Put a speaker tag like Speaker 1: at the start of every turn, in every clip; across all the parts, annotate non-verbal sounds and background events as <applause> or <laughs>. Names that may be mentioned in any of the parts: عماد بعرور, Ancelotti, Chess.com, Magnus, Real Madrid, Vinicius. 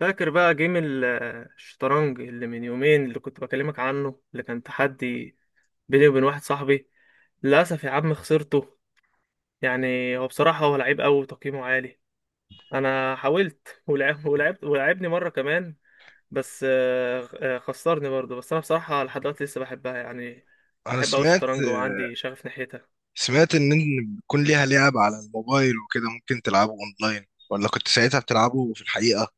Speaker 1: فاكر بقى جيم الشطرنج اللي من يومين، اللي كنت بكلمك عنه، اللي كان تحدي بيني وبين واحد صاحبي. للأسف يا عم خسرته. يعني هو بصراحة هو لعيب أوي وتقييمه عالي. أنا حاولت ولعب <laughs> ولعبت، ولعبني مرة كمان. بس خسرني برضه. بس أنا بصراحة لحد دلوقتي لسه بحبها يعني.
Speaker 2: انا
Speaker 1: بحب أوي
Speaker 2: سمعت
Speaker 1: الشطرنج وعندي شغف ناحيتها.
Speaker 2: سمعت إن بيكون ليها لعب على الموبايل وكده ممكن تلعبه اونلاين ولا كنت ساعتها بتلعبه في الحقيقة.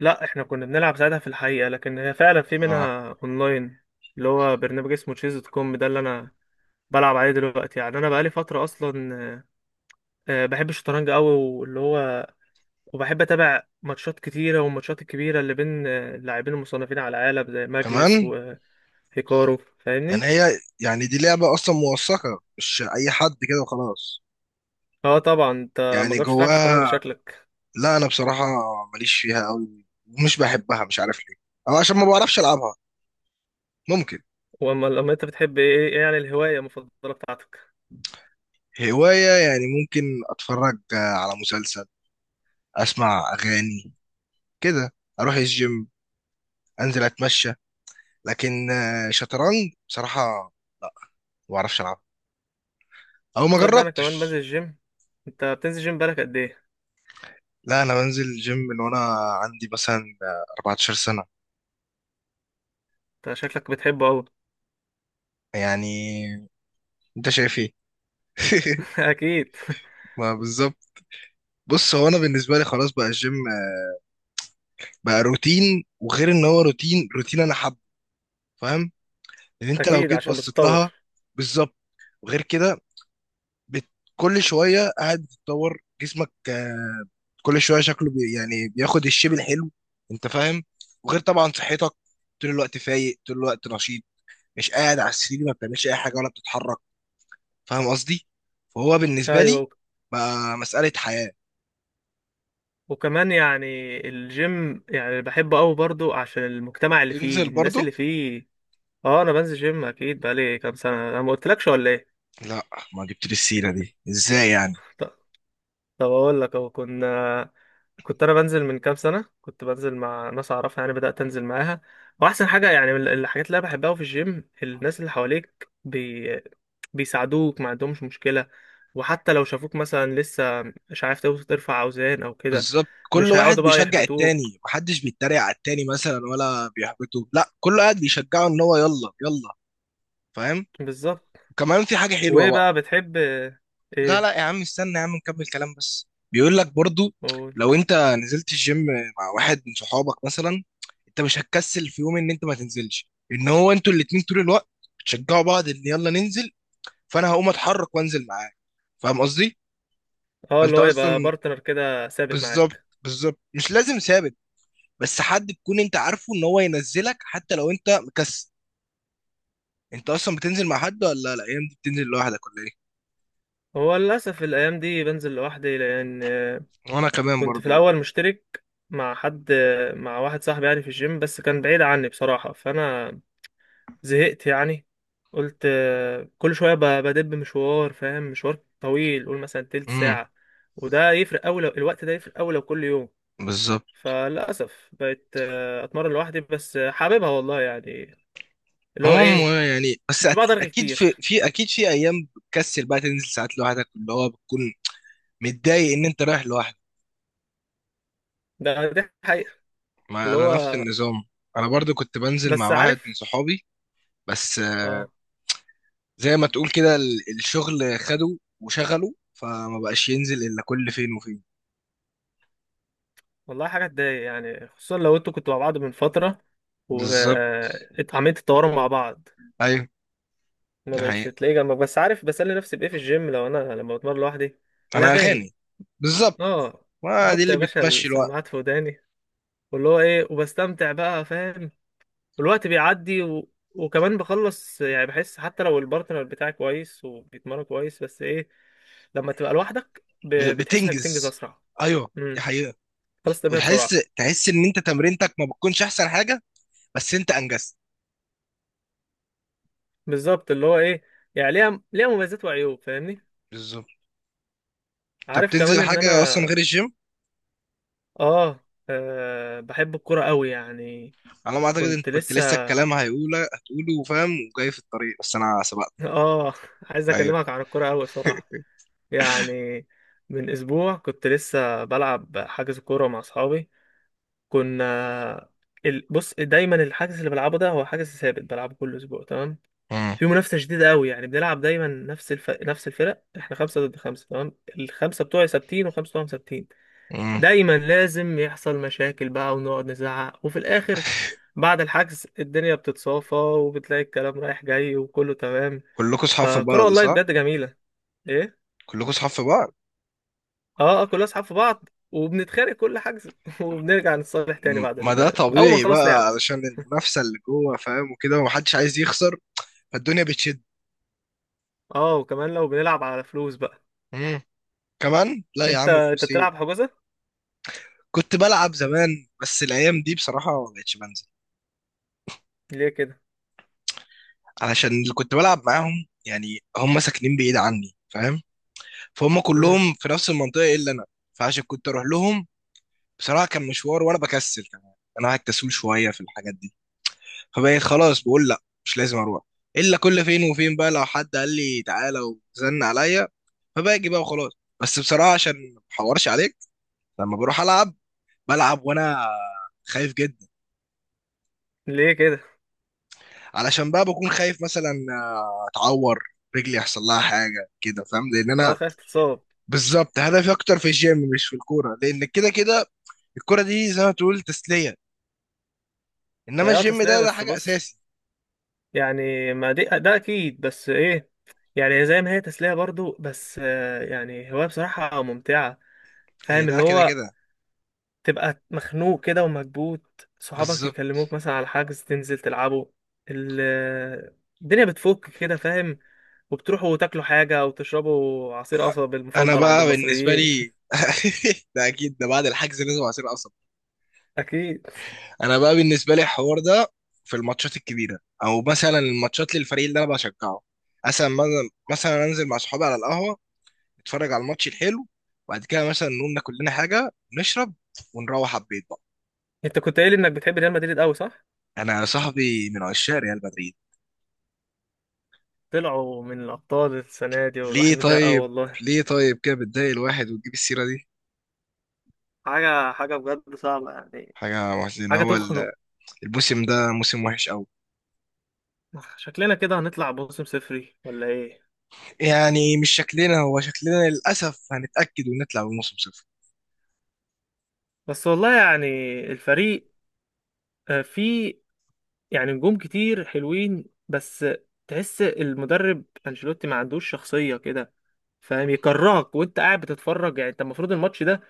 Speaker 1: لا، احنا كنا بنلعب ساعتها في الحقيقة، لكن هي فعلا في
Speaker 2: آه.
Speaker 1: منها اونلاين. اللي هو برنامج اسمه chess.com، ده اللي انا بلعب عليه دلوقتي. يعني انا بقالي فتره اصلا. بحب الشطرنج قوي، واللي هو وبحب اتابع ماتشات كتيره، والماتشات الكبيره اللي بين اللاعبين المصنفين على العالم زي ماجنس
Speaker 2: كمان
Speaker 1: وهيكارو،
Speaker 2: يعني
Speaker 1: فاهمني.
Speaker 2: هي يعني دي لعبة اصلا موثقة مش اي حد كده وخلاص
Speaker 1: اه طبعا. انت ما
Speaker 2: يعني
Speaker 1: جربتش تلعب شطرنج
Speaker 2: جواها.
Speaker 1: شكلك.
Speaker 2: لا انا بصراحة ماليش فيها قوي ومش بحبها مش عارف ليه او عشان ما بعرفش العبها ممكن.
Speaker 1: واما لما انت بتحب ايه، ايه يعني الهوايه المفضله بتاعتك؟
Speaker 2: هواية يعني ممكن اتفرج على مسلسل اسمع اغاني كده اروح الجيم انزل اتمشى لكن شطرنج بصراحة ما بعرفش ألعب أو ما
Speaker 1: تصدق انا كمان بنزل
Speaker 2: جربتش.
Speaker 1: الجيم. انت بتنزل جيم بالك قد ايه؟
Speaker 2: لا أنا بنزل جيم من وأنا عندي مثلا 14 سنة
Speaker 1: انت شكلك بتحبه قوي.
Speaker 2: يعني. أنت شايف إيه؟ <laughs>
Speaker 1: <laughs> اكيد.
Speaker 2: ما بالظبط. بص هو أنا بالنسبة لي خلاص بقى الجيم بقى روتين وغير إن هو روتين روتين أنا حابه. فاهم لأن أنت لو
Speaker 1: اكيد
Speaker 2: جيت
Speaker 1: عشان
Speaker 2: بصيت
Speaker 1: بتتطور.
Speaker 2: لها بالظبط. وغير كده بت... كل شوية قاعد بتتطور جسمك. كل شويه شكله يعني بياخد الشيب الحلو. انت فاهم. وغير طبعا صحتك طول الوقت فايق طول الوقت نشيط مش قاعد على السرير ما بتعملش اي حاجه ولا بتتحرك. فاهم قصدي. فهو بالنسبه لي
Speaker 1: ايوه.
Speaker 2: بقى مساله حياه.
Speaker 1: وكمان يعني الجيم يعني بحبه قوي برضو عشان المجتمع اللي فيه،
Speaker 2: تنزل
Speaker 1: الناس
Speaker 2: برضه.
Speaker 1: اللي فيه. اه انا بنزل جيم اكيد بقالي كام سنه، انا ما قلتلكش ولا ايه؟
Speaker 2: لا ما جبت لي السيره دي ازاي يعني.
Speaker 1: ط- طب اقول لك اهو، كنا. كنت انا بنزل من كام سنه، كنت بنزل مع ناس اعرفها، يعني بدات انزل معاها. واحسن حاجه يعني من الحاجات اللي انا بحبها أوي في الجيم، الناس اللي حواليك بيساعدوك، ما عندهمش مشكله. وحتى لو شافوك مثلا لسه مش عارف ترفع اوزان او كده.
Speaker 2: بالظبط كل
Speaker 1: مش
Speaker 2: واحد
Speaker 1: هيقعدوا بقى
Speaker 2: بيشجع
Speaker 1: يحبطوك.
Speaker 2: التاني محدش بيتريق على التاني مثلا ولا بيحبطه لا كل واحد بيشجعه ان هو يلا يلا. فاهم.
Speaker 1: بالظبط.
Speaker 2: وكمان في حاجه حلوه
Speaker 1: وايه
Speaker 2: بقى.
Speaker 1: بقى بتحب؟
Speaker 2: لا
Speaker 1: ايه؟
Speaker 2: لا يا عم استنى يا عم نكمل كلام بس بيقول لك برضو.
Speaker 1: قول.
Speaker 2: لو انت نزلت الجيم مع واحد من صحابك مثلا انت مش هتكسل في يوم ان انت ما تنزلش ان هو انتوا الاتنين طول الوقت بتشجعوا بعض ان يلا ننزل فانا هقوم اتحرك وانزل معاك. فاهم قصدي.
Speaker 1: اه، اللي
Speaker 2: فانت
Speaker 1: هو يبقى
Speaker 2: اصلا
Speaker 1: بارتنر كده ثابت
Speaker 2: بالظبط
Speaker 1: معاك.
Speaker 2: بالظبط مش لازم ثابت. بس حد تكون انت عارفه ان هو ينزلك حتى لو انت مكسل. انت اصلا بتنزل مع حد ولا الايام دي بتنزل لوحدك ولا ايه.
Speaker 1: هو للاسف الايام دي بنزل لوحدي لان
Speaker 2: وانا كمان
Speaker 1: كنت في
Speaker 2: برضو والله
Speaker 1: الاول مشترك مع حد، مع واحد صاحبي يعني في الجيم، بس كان بعيد عني بصراحة فانا زهقت يعني. قلت كل شوية بدب مشوار، فاهم؟ مشوار طويل، قول مثلا تلت
Speaker 2: امم
Speaker 1: ساعة. وده يفرق أوي لو الوقت، ده يفرق أوي لو كل يوم.
Speaker 2: بالظبط.
Speaker 1: فللأسف بقيت أتمرن لوحدي، بس حاببها والله يعني. اللي هو
Speaker 2: هم
Speaker 1: ايه.
Speaker 2: يعني بس
Speaker 1: مش بقدر
Speaker 2: أت-
Speaker 1: أرغي
Speaker 2: اكيد في
Speaker 1: كتير.
Speaker 2: في اكيد في ايام بتكسل بقى تنزل ساعات لوحدك اللي هو بتكون متضايق ان انت رايح لوحدك.
Speaker 1: ده دي حقيقة.
Speaker 2: ما
Speaker 1: اللي
Speaker 2: انا نفس
Speaker 1: هو.
Speaker 2: النظام. انا برضو كنت بنزل مع
Speaker 1: بس
Speaker 2: واحد من
Speaker 1: عارف.
Speaker 2: صحابي بس
Speaker 1: اه.
Speaker 2: زي ما تقول كده الشغل خده وشغله فما بقاش ينزل الا كل فين وفين.
Speaker 1: والله حاجة تضايق يعني، خصوصا لو انتوا كنتوا مع بعض من فترة
Speaker 2: بالظبط.
Speaker 1: واتعملت التوارم مع بعض.
Speaker 2: ايوه
Speaker 1: ما
Speaker 2: دي
Speaker 1: بقتش
Speaker 2: حقيقة.
Speaker 1: تلاقي جنبك. بس عارف بسلي نفسي بإيه في الجيم لو أنا لما بتمرن لوحدي؟
Speaker 2: انا
Speaker 1: الأغاني.
Speaker 2: اغاني. بالظبط
Speaker 1: اه.
Speaker 2: ما دي
Speaker 1: بحط يا
Speaker 2: اللي
Speaker 1: باشا
Speaker 2: بتمشي الوقت.
Speaker 1: السماعات في وداني، واللي هو ايه، وبستمتع بقى، فاهم. والوقت بيعدي وكمان بخلص يعني. بحس حتى لو البارتنر بتاعي كويس وبيتمرن كويس بس ايه، لما تبقى لوحدك بتحس انك بتنجز
Speaker 2: بتنجز.
Speaker 1: اسرع.
Speaker 2: ايوه دي
Speaker 1: امم.
Speaker 2: حقيقة.
Speaker 1: خلاص ترميها
Speaker 2: وتحس
Speaker 1: بسرعه.
Speaker 2: تحس ان انت تمرينتك ما بتكونش احسن حاجة بس انت انجزت.
Speaker 1: بالظبط. اللي هو ايه. يعني ليها مميزات وعيوب، فاهمني.
Speaker 2: بالظبط. طب
Speaker 1: عارف
Speaker 2: تنزل
Speaker 1: كمان ان
Speaker 2: حاجة أصلا
Speaker 1: انا
Speaker 2: غير الجيم؟
Speaker 1: اه, بحب الكوره قوي يعني.
Speaker 2: على ما أعتقد أنت
Speaker 1: كنت
Speaker 2: كنت
Speaker 1: لسه
Speaker 2: لسه الكلام هيقوله هتقوله فاهم وجاي في الطريق بس أنا سبقت.
Speaker 1: <laughs> اه. عايز
Speaker 2: أيوه.
Speaker 1: اكلمك عن الكوره قوي بصراحه. يعني من اسبوع كنت لسه بلعب، حجز كوره مع اصحابي. كنا. بص، دايما الحجز اللي بلعبه ده هو حجز ثابت بلعبه كل اسبوع، تمام.
Speaker 2: امم.
Speaker 1: في منافسه شديده قوي، يعني بنلعب دايما نفس نفس الفرق. احنا خمسه ضد خمسه تمام. الخمسه بتوعي ثابتين، وخمسه بتوعهم ثابتين.
Speaker 2: امم.
Speaker 1: دايما لازم يحصل مشاكل بقى ونقعد نزعق، وفي الاخر بعد الحجز الدنيا بتتصافى وبتلاقي الكلام رايح جاي وكله تمام.
Speaker 2: كلكم صحاب في
Speaker 1: فكرة
Speaker 2: بعض
Speaker 1: والله
Speaker 2: صح؟
Speaker 1: بجد جميله. ايه.
Speaker 2: كلكم صحاب في بعض.
Speaker 1: اه، اه، كلنا اصحاب في بعض، وبنتخانق كل حجز <laughs> وبنرجع نتصالح تاني بعد
Speaker 2: ما ده
Speaker 1: اول ما
Speaker 2: طبيعي
Speaker 1: نخلص لعب.
Speaker 2: بقى علشان المنافسة اللي جوه فاهم وكده ومحدش عايز يخسر فالدنيا بتشد.
Speaker 1: اه، وكمان لو بنلعب على فلوس بقى.
Speaker 2: امم. كمان لا يا
Speaker 1: انت
Speaker 2: عم
Speaker 1: انت
Speaker 2: فلوس إيه؟
Speaker 1: بتلعب حجوزه؟
Speaker 2: كنت بلعب زمان بس الأيام دي بصراحة ما بقتش بنزل
Speaker 1: ليه كده؟
Speaker 2: علشان اللي كنت بلعب معاهم يعني هم ساكنين بعيد عني فاهم؟ فهم
Speaker 1: امم.
Speaker 2: كلهم في نفس المنطقة إلا أنا فعشان كنت أروح لهم بصراحه كان مشوار وانا بكسل كمان. انا قاعد كسول شويه في الحاجات دي فبقيت خلاص بقول لا مش لازم اروح الا كل فين وفين بقى لو حد قال لي تعالى وزن عليا فباجي بقى وخلاص. بس بصراحه عشان ما احورش عليك لما بروح العب بلعب وانا خايف جدا.
Speaker 1: ليه كده؟
Speaker 2: علشان بقى بكون خايف مثلا اتعور رجلي يحصل لها حاجه كده فاهم لان
Speaker 1: اه،
Speaker 2: انا
Speaker 1: خايف تتصاب.
Speaker 2: بالظبط. هدفي اكتر في الجيم مش في الكوره لان كده كده الكوره دي زي ما تقول تسليه
Speaker 1: ما
Speaker 2: انما
Speaker 1: هي اه
Speaker 2: الجيم
Speaker 1: تسلية،
Speaker 2: ده
Speaker 1: بس
Speaker 2: حاجه
Speaker 1: بص.
Speaker 2: اساسي.
Speaker 1: يعني ما دي، ده اكيد بس ايه. يعني زي ما هي تسلية برضو، بس يعني هواية بصراحة ممتعة.
Speaker 2: هي
Speaker 1: فاهم
Speaker 2: ده
Speaker 1: اللي
Speaker 2: كده
Speaker 1: هو،
Speaker 2: كده
Speaker 1: تبقى مخنوق كده ومكبوت، صحابك
Speaker 2: بالظبط.
Speaker 1: يكلموك مثلا على حجز تنزل تلعبوا. ال- الدنيا بتفك كده، فاهم. وبتروحوا تاكلوا حاجة أو تشربوا عصير قصب
Speaker 2: انا
Speaker 1: المفضل عند
Speaker 2: بقى بالنسبه
Speaker 1: المصريين.
Speaker 2: لي <laughs> ده اكيد ده بعد الحجز لازم عصير قصب.
Speaker 1: <laughs> أكيد.
Speaker 2: انا بقى بالنسبه لي الحوار ده في الماتشات الكبيره او مثلا الماتشات للفريق اللي انا بشجعه مثلا مثلا انزل مع صحابي على القهوه نتفرج على الماتش الحلو وبعد كده مثلا نقوم ناكل لنا حاجه نشرب ونروح على البيت بقى.
Speaker 1: أنت كنت قايل إنك بتحب ريال مدريد أوي صح؟
Speaker 2: انا صاحبي من عشاق ريال مدريد.
Speaker 1: طلعوا من الأبطال السنة دي
Speaker 2: ليه
Speaker 1: والواحد متضايق أوي
Speaker 2: طيب؟
Speaker 1: والله.
Speaker 2: ليه طيب كده بتضايق الواحد وتجيب السيره دي.
Speaker 1: حاجة حاجة بجد صعبة يعني.
Speaker 2: حاجه محزنه
Speaker 1: حاجة
Speaker 2: هو
Speaker 1: تخنق.
Speaker 2: الموسم ده موسم وحش.
Speaker 1: شكلنا كده هنطلع موسم صفري ولا ايه؟
Speaker 2: يعني مش شكلنا هو شكلنا للأسف هنتأكد ونطلع بموسم صفر.
Speaker 1: بس والله يعني الفريق فيه، يعني نجوم كتير حلوين، بس تحس المدرب انشيلوتي ما عندوش شخصية كده، فاهم، يكرهك وانت قاعد بتتفرج. يعني انت المفروض الماتش ده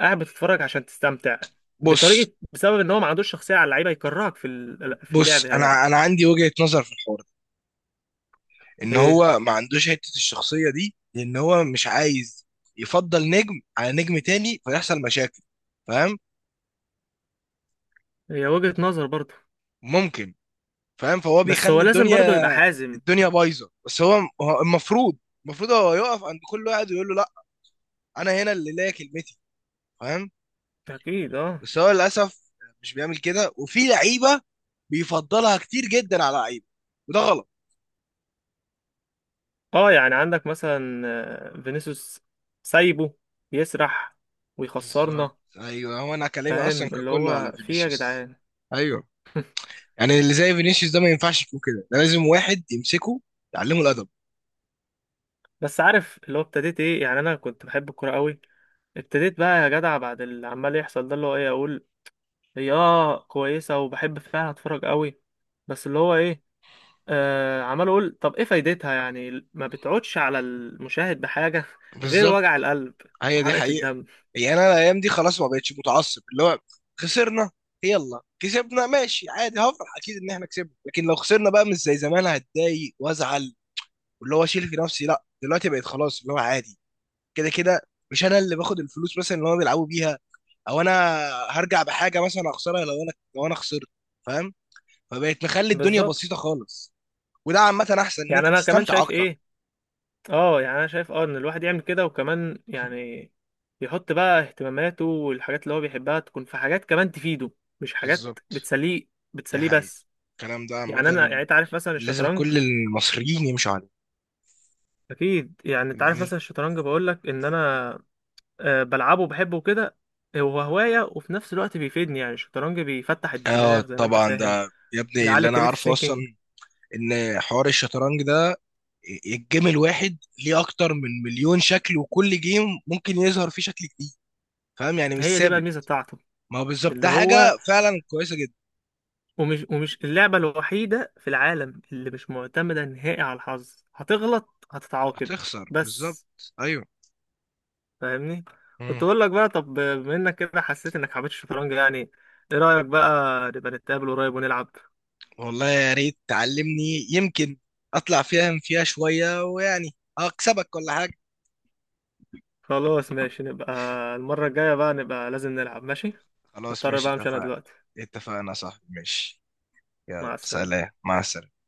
Speaker 1: قاعد بتتفرج عشان تستمتع،
Speaker 2: بص
Speaker 1: بطريقة بسبب ان هو ما عندوش شخصية على اللعيبة يكرهك في في
Speaker 2: بص
Speaker 1: اللعب يا جدع.
Speaker 2: أنا عندي وجهة نظر في الحوار ده. إن
Speaker 1: ايه.
Speaker 2: هو ما عندوش حتة الشخصية دي لأن هو مش عايز يفضل نجم على نجم تاني فيحصل مشاكل. فاهم.
Speaker 1: هي وجهة نظر برضه،
Speaker 2: ممكن. فاهم فهو
Speaker 1: بس هو
Speaker 2: بيخلي
Speaker 1: لازم
Speaker 2: الدنيا
Speaker 1: برضه يبقى حازم.
Speaker 2: بايظة. بس هو المفروض هو يقف عند كل واحد ويقول له لا أنا هنا اللي ليا كلمتي. فاهم.
Speaker 1: اكيد اه.
Speaker 2: بس هو للأسف مش بيعمل كده وفي لعيبة بيفضلها كتير جدا على لعيبة وده غلط.
Speaker 1: اه، يعني عندك مثلا فينيسيوس، سايبه بيسرح
Speaker 2: بالظبط.
Speaker 1: ويخسرنا.
Speaker 2: ايوه هو انا كلامي اصلا
Speaker 1: فاهم
Speaker 2: كان
Speaker 1: اللي
Speaker 2: كله على
Speaker 1: هو في إيه يا
Speaker 2: فينيسيوس.
Speaker 1: جدعان؟
Speaker 2: ايوه يعني اللي زي فينيسيوس ده ما ينفعش يكون كده ده لازم واحد يمسكه يعلمه الادب.
Speaker 1: بس عارف اللي هو ابتديت ايه؟ يعني انا كنت بحب الكوره قوي. ابتديت بقى يا جدع بعد اللي عمال يحصل ده، اللي هو ايه اقول، هي اه كويسه وبحب فعلا اتفرج قوي، بس اللي هو ايه، عمال اقول طب ايه فايدتها؟ يعني ما بتعودش على المشاهد بحاجه <laughs> غير
Speaker 2: بالظبط.
Speaker 1: وجع القلب
Speaker 2: هي دي
Speaker 1: وحرقه
Speaker 2: حقيقه.
Speaker 1: الدم.
Speaker 2: يعني انا الايام دي خلاص ما بقتش متعصب اللي هو خسرنا يلا كسبنا ماشي عادي هفرح اكيد ان احنا كسبنا لكن لو خسرنا بقى مش زي زمان هتضايق وازعل واللي هو اشيل في نفسي لا دلوقتي بقيت خلاص اللي هو عادي كده كده مش انا اللي باخد الفلوس مثلا اللي هم بيلعبوا بيها او انا هرجع بحاجه مثلا اخسرها لو انا خسرت. فاهم. فبقت مخلي الدنيا
Speaker 1: بالظبط.
Speaker 2: بسيطة خالص وده عامة أحسن إن
Speaker 1: يعني
Speaker 2: أنت
Speaker 1: انا كمان
Speaker 2: تستمتع
Speaker 1: شايف
Speaker 2: أكتر.
Speaker 1: ايه، اه، يعني انا شايف اه ان الواحد يعمل كده. وكمان يعني يحط بقى اهتماماته والحاجات اللي هو بيحبها تكون في حاجات كمان تفيده، مش حاجات
Speaker 2: بالظبط
Speaker 1: بتسليه
Speaker 2: دي
Speaker 1: بتسليه
Speaker 2: حقيقة
Speaker 1: بس.
Speaker 2: الكلام ده عامة
Speaker 1: يعني انا، يعني انت عارف مثلا
Speaker 2: لازم
Speaker 1: الشطرنج،
Speaker 2: كل المصريين يمشوا عليه.
Speaker 1: اكيد. يعني انت
Speaker 2: إن
Speaker 1: عارف
Speaker 2: أنت...
Speaker 1: مثلا الشطرنج بقول لك ان انا بلعبه وبحبه كده. هو هواية وفي نفس الوقت بيفيدني، يعني الشطرنج بيفتح
Speaker 2: آه
Speaker 1: الدماغ زي ما انت
Speaker 2: طبعا
Speaker 1: فاهم،
Speaker 2: ده يا ابني اللي
Speaker 1: بيعلي
Speaker 2: أنا
Speaker 1: كريتيف
Speaker 2: عارفه أصلا.
Speaker 1: ثينكينج.
Speaker 2: إن حوار الشطرنج ده الجيم الواحد ليه أكتر من مليون شكل وكل جيم ممكن يظهر فيه شكل جديد. فاهم يعني مش
Speaker 1: هي دي بقى
Speaker 2: ثابت.
Speaker 1: الميزة بتاعته.
Speaker 2: ما هو بالظبط
Speaker 1: اللي
Speaker 2: ده حاجة
Speaker 1: هو
Speaker 2: فعلا كويسة جدا.
Speaker 1: ومش اللعبة الوحيدة في العالم اللي مش معتمدة نهائي على الحظ، هتغلط هتتعاقب.
Speaker 2: هتخسر بالظبط
Speaker 1: بس
Speaker 2: أيوه.
Speaker 1: فاهمني،
Speaker 2: مم.
Speaker 1: كنت بقول لك بقى، طب بما انك كده حسيت انك حبيت الشطرنج يعني، ايه رأيك بقى نبقى نتقابل قريب ونلعب؟
Speaker 2: والله يا ريت تعلمني يمكن اطلع فاهم فيها شوية ويعني اكسبك ولا حاجة.
Speaker 1: خلاص ماشي نبقى، المرة الجاية بقى نبقى لازم نلعب ماشي.
Speaker 2: خلاص
Speaker 1: هضطر
Speaker 2: ماشي
Speaker 1: بقى امشي انا
Speaker 2: اتفقنا.
Speaker 1: دلوقتي.
Speaker 2: اتفقنا يا صاحبي ماشي. يلا
Speaker 1: مع السلامة.
Speaker 2: سلام. مع السلامة.